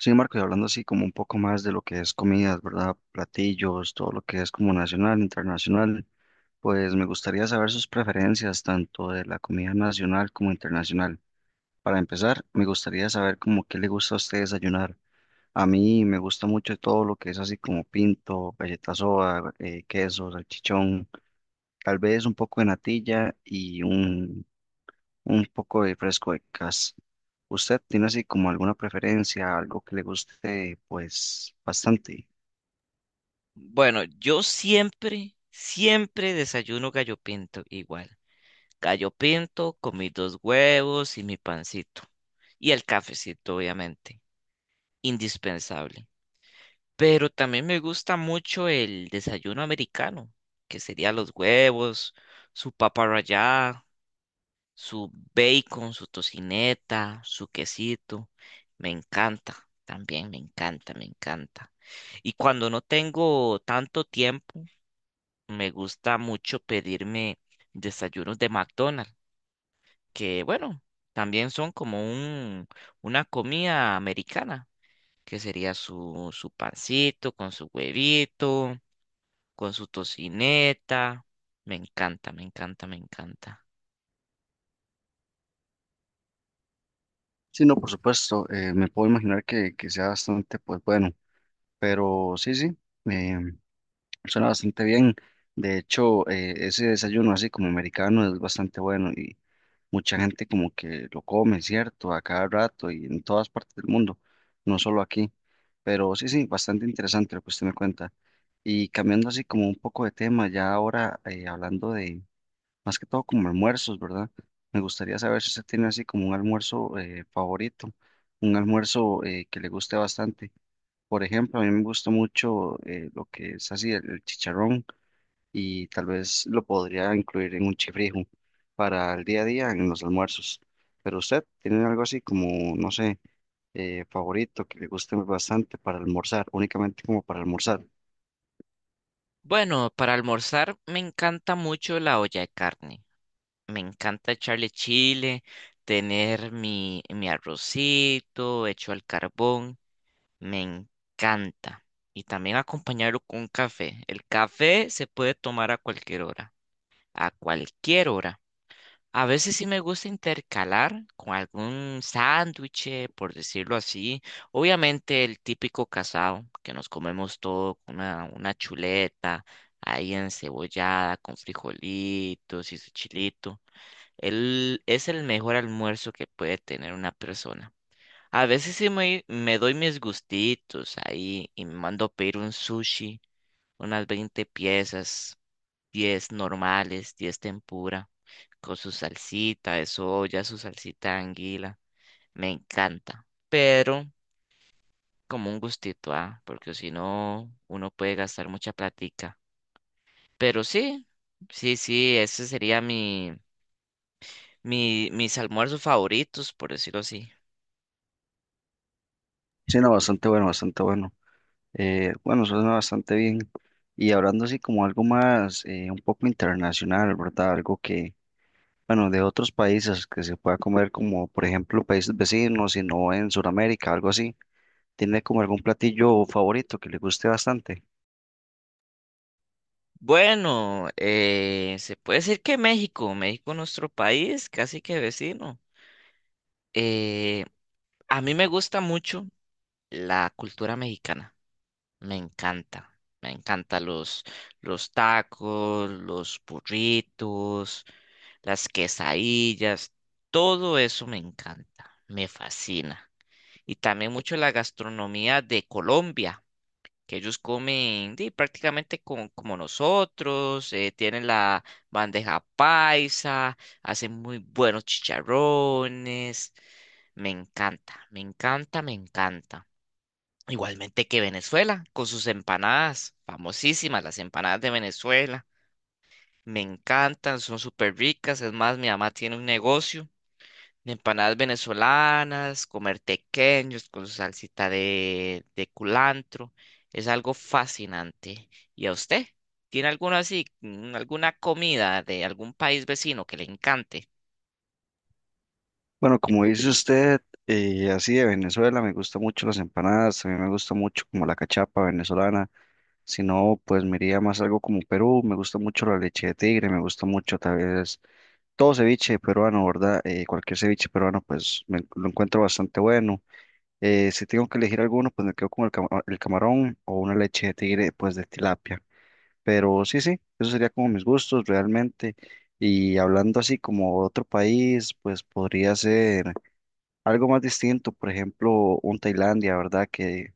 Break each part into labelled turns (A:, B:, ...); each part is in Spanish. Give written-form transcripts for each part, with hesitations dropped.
A: Sí, Marco, y hablando así como un poco más de lo que es comidas, ¿verdad? Platillos, todo lo que es como nacional, internacional, pues me gustaría saber sus preferencias tanto de la comida nacional como internacional. Para empezar, me gustaría saber como qué le gusta a usted desayunar. A mí me gusta mucho todo lo que es así como pinto, galletas soda, queso, salchichón, tal vez un poco de natilla y un poco de fresco de cas. ¿Usted tiene así como alguna preferencia, algo que le guste, pues bastante?
B: Bueno, yo siempre, siempre desayuno gallo pinto igual. Gallo pinto con mis dos huevos y mi pancito. Y el cafecito, obviamente. Indispensable. Pero también me gusta mucho el desayuno americano, que sería los huevos, su papa rallada, su bacon, su tocineta, su quesito. Me encanta, también me encanta, me encanta. Y cuando no tengo tanto tiempo, me gusta mucho pedirme desayunos de McDonald's, que bueno, también son una comida americana, que sería su pancito con su huevito, con su tocineta. Me encanta, me encanta, me encanta.
A: Sí, no, por supuesto, me puedo imaginar que sea bastante, pues bueno, pero sí, sí, eh, suena bastante bien. De hecho, ese desayuno así como americano es bastante bueno y mucha gente como que lo come, ¿cierto? A cada rato y en todas partes del mundo, no solo aquí. Pero sí, sí, bastante interesante lo que usted me cuenta. Y cambiando así como un poco de tema, ya ahora hablando de más que todo como almuerzos, ¿verdad? Me gustaría saber si usted tiene así como un almuerzo favorito, un almuerzo que le guste bastante. Por ejemplo, a mí me gusta mucho lo que es así el chicharrón y tal vez lo podría incluir en un chifrijo para el día a día en los almuerzos. Pero usted tiene algo así como, no sé, favorito que le guste bastante para almorzar, únicamente como para almorzar.
B: Bueno, para almorzar me encanta mucho la olla de carne. Me encanta echarle chile, tener mi arrocito hecho al carbón. Me encanta. Y también acompañarlo con café. El café se puede tomar a cualquier hora, a cualquier hora. A veces sí me gusta intercalar con algún sándwich, por decirlo así. Obviamente el típico casado, que nos comemos todo con una chuleta ahí encebollada, con frijolitos y su chilito. Él es el mejor almuerzo que puede tener una persona. A veces sí me doy mis gustitos ahí y me mando a pedir un sushi, unas 20 piezas, 10 normales, 10 tempura, con su salsita de soya, su salsita de anguila. Me encanta, pero como un gustito, ah, porque si no, uno puede gastar mucha platica. Pero sí, sí, sí, ese sería mis almuerzos favoritos, por decirlo así.
A: Sí, no, bastante bueno, bastante bueno. Bueno, suena bastante bien. Y hablando así como algo más, un poco internacional, ¿verdad? Algo que, bueno, de otros países que se pueda comer como, por ejemplo, países vecinos, sino en Sudamérica, algo así. ¿Tiene como algún platillo favorito que le guste bastante?
B: Bueno, se puede decir que México, México nuestro país, casi que vecino. Eh, a mí me gusta mucho la cultura mexicana, me encanta, me encanta los tacos, los burritos, las quesadillas, todo eso me encanta, me fascina. Y también mucho la gastronomía de Colombia que ellos comen di, prácticamente como nosotros, tienen la bandeja paisa, hacen muy buenos chicharrones, me encanta, me encanta, me encanta. Igualmente que Venezuela, con sus empanadas, famosísimas las empanadas de Venezuela, me encantan, son súper ricas, es más, mi mamá tiene un negocio de empanadas venezolanas, comer tequeños con su salsita de culantro. Es algo fascinante. ¿Y a usted? ¿Tiene alguna así, alguna comida de algún país vecino que le encante?
A: Bueno, como dice usted, así de Venezuela, me gustan mucho las empanadas, también me gusta mucho como la cachapa venezolana. Si no, pues me iría más algo como Perú, me gusta mucho la leche de tigre, me gusta mucho tal vez todo ceviche peruano, ¿verdad? Cualquier ceviche peruano, pues me- lo encuentro bastante bueno. Si tengo que elegir alguno, pues me quedo con el, cama- el camarón o una leche de tigre, pues de tilapia. Pero sí, sí, eso sería como mis gustos realmente. Y hablando así como otro país, pues podría ser algo más distinto, por ejemplo, un Tailandia, ¿verdad?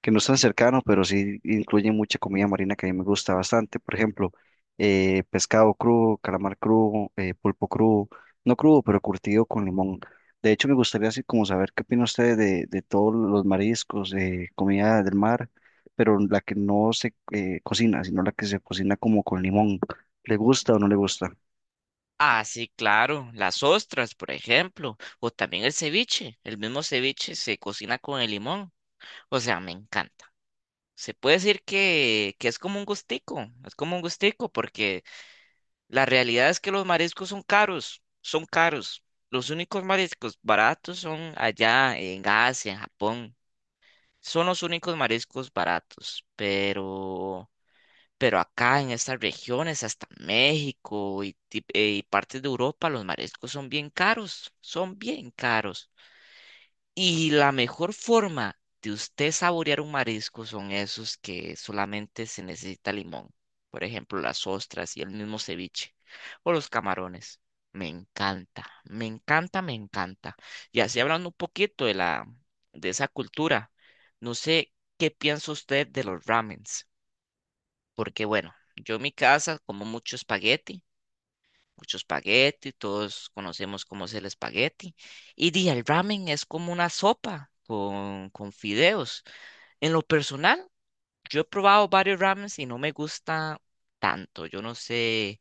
A: Que no es tan cercano, pero sí incluye mucha comida marina que a mí me gusta bastante. Por ejemplo, pescado crudo, calamar crudo, pulpo crudo, no crudo, pero curtido con limón. De hecho, me gustaría así como saber qué opina usted de todos los mariscos, comida del mar, pero la que no se cocina, sino la que se cocina como con limón. ¿Le gusta o no le gusta?
B: Ah, sí, claro, las ostras, por ejemplo, o también el ceviche. El mismo ceviche se cocina con el limón. O sea, me encanta. Se puede decir que es como un gustico, es como un gustico porque la realidad es que los mariscos son caros, son caros. Los únicos mariscos baratos son allá en Asia, en Japón. Son los únicos mariscos baratos, pero acá en estas regiones, hasta México y y partes de Europa, los mariscos son bien caros, son bien caros. Y la mejor forma de usted saborear un marisco son esos que solamente se necesita limón. Por ejemplo, las ostras y el mismo ceviche o los camarones. Me encanta, me encanta, me encanta. Y así hablando un poquito de esa cultura, no sé qué piensa usted de los ramens, porque bueno, yo en mi casa como mucho espagueti, todos conocemos cómo es el espagueti. Y di, el ramen es como una sopa con fideos. En lo personal, yo he probado varios ramens y no me gusta tanto. Yo no sé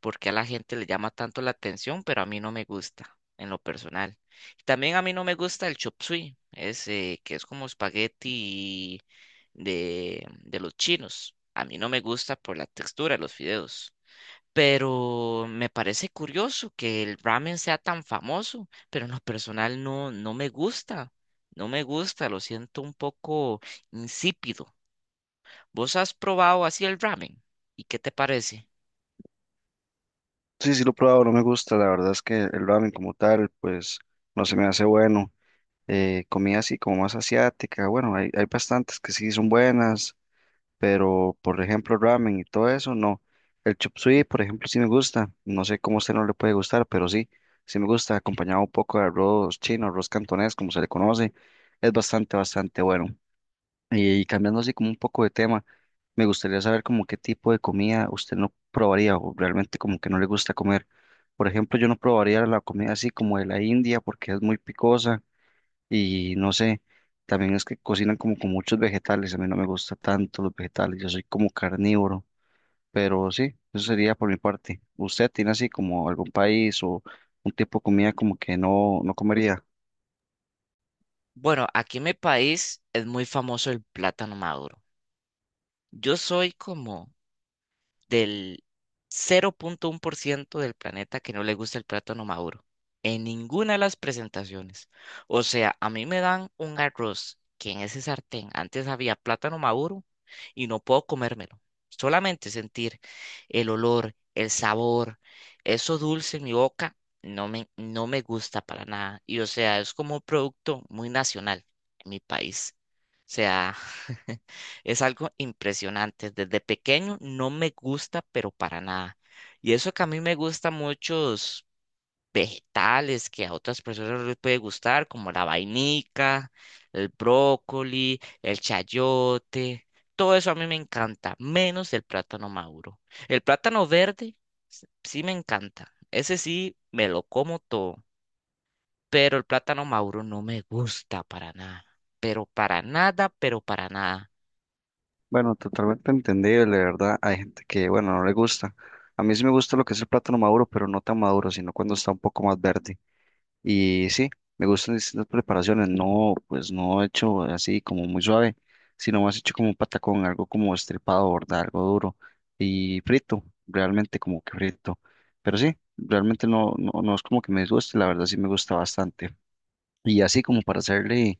B: por qué a la gente le llama tanto la atención, pero a mí no me gusta en lo personal. También a mí no me gusta el chop suey, ese que es como espagueti de los chinos. A mí no me gusta por la textura de los fideos. Pero me parece curioso que el ramen sea tan famoso, pero en lo personal no, no me gusta, no me gusta, lo siento un poco insípido. ¿Vos has probado así el ramen? ¿Y qué te parece?
A: Sí, sí lo he probado, no me gusta. La verdad es que el ramen como tal, pues no se me hace bueno. Eh, comida así como más asiática. Bueno, hay bastantes que sí son buenas, pero por ejemplo ramen y todo eso, no. El chop suey, por ejemplo, sí me gusta. No sé cómo a usted no le puede gustar, pero sí, sí me gusta, acompañado un poco de arroz chino, arroz cantonés, como se le conoce. Es bastante, bastante bueno. Y, cambiando así como un poco de tema, me gustaría saber como qué tipo de comida usted no probaría o realmente como que no le gusta comer. Por ejemplo, yo no probaría la comida así como de la India porque es muy picosa y no sé, también es que cocinan como con muchos vegetales. A mí no me gusta tanto los vegetales. Yo soy como carnívoro. Pero sí, eso sería por mi parte. ¿Usted tiene así como algún país o un tipo de comida como que no comería?
B: Bueno, aquí en mi país es muy famoso el plátano maduro. Yo soy como del 0,1% del planeta que no le gusta el plátano maduro. En ninguna de las presentaciones. O sea, a mí me dan un arroz que en ese sartén antes había plátano maduro y no puedo comérmelo. Solamente sentir el olor, el sabor, eso dulce en mi boca, no me gusta para nada. Y o sea, es como un producto muy nacional en mi país. O sea, es algo impresionante. Desde pequeño no me gusta, pero para nada. Y eso que a mí me gustan muchos vegetales que a otras personas les puede gustar, como la vainica, el brócoli, el chayote. Todo eso a mí me encanta, menos el plátano maduro. El plátano verde sí me encanta. Ese sí me lo como todo. Pero el plátano maduro no me gusta para nada. Pero para nada, pero para nada.
A: Bueno, totalmente entendible, ¿verdad? Hay gente que, bueno, no le gusta. A mí sí me gusta lo que es el plátano maduro, pero no tan maduro, sino cuando está un poco más verde. Y sí, me gustan distintas preparaciones. No, pues no hecho así como muy suave, sino más hecho como un patacón, algo como estripado, ¿verdad? Algo duro y frito, realmente como que frito. Pero sí, realmente no es como que me disguste, la verdad sí me gusta bastante. Y así como para hacerle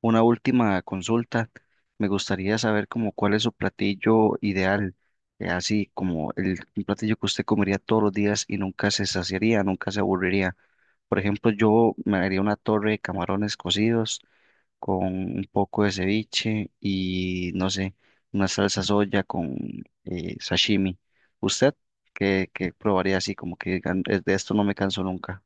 A: una última consulta. Me gustaría saber como cuál es su platillo ideal, así como el un platillo que usted comería todos los días y nunca se saciaría, nunca se aburriría. Por ejemplo, yo me haría una torre de camarones cocidos con un poco de ceviche y no sé, una salsa soya con sashimi. ¿Usted qué probaría así como que digan, "Es de esto no me canso nunca?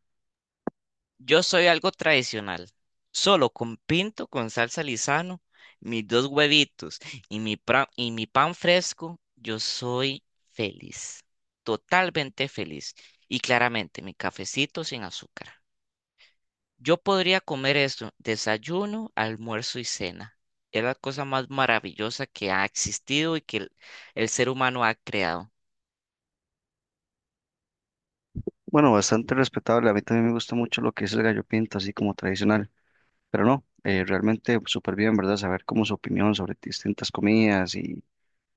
B: Yo soy algo tradicional. Solo con pinto, con salsa Lizano, mis dos huevitos y y mi pan fresco, yo soy feliz. Totalmente feliz. Y claramente, mi cafecito sin azúcar. Yo podría comer esto, desayuno, almuerzo y cena. Es la cosa más maravillosa que ha existido y que el ser humano ha creado.
A: Bueno, bastante respetable. A mí también me gusta mucho lo que es el gallo pinto, así como tradicional. Pero no, realmente súper bien, ¿verdad? Saber cómo su opinión sobre distintas comidas y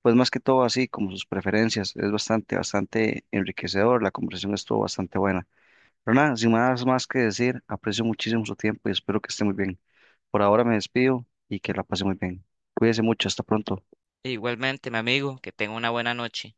A: pues más que todo así, como sus preferencias. Es bastante, bastante enriquecedor, la conversación estuvo bastante buena. Pero nada, sin más, más que decir, aprecio muchísimo su tiempo y espero que esté muy bien. Por ahora me despido y que la pase muy bien. Cuídese mucho, hasta pronto.
B: E igualmente, mi amigo, que tenga una buena noche.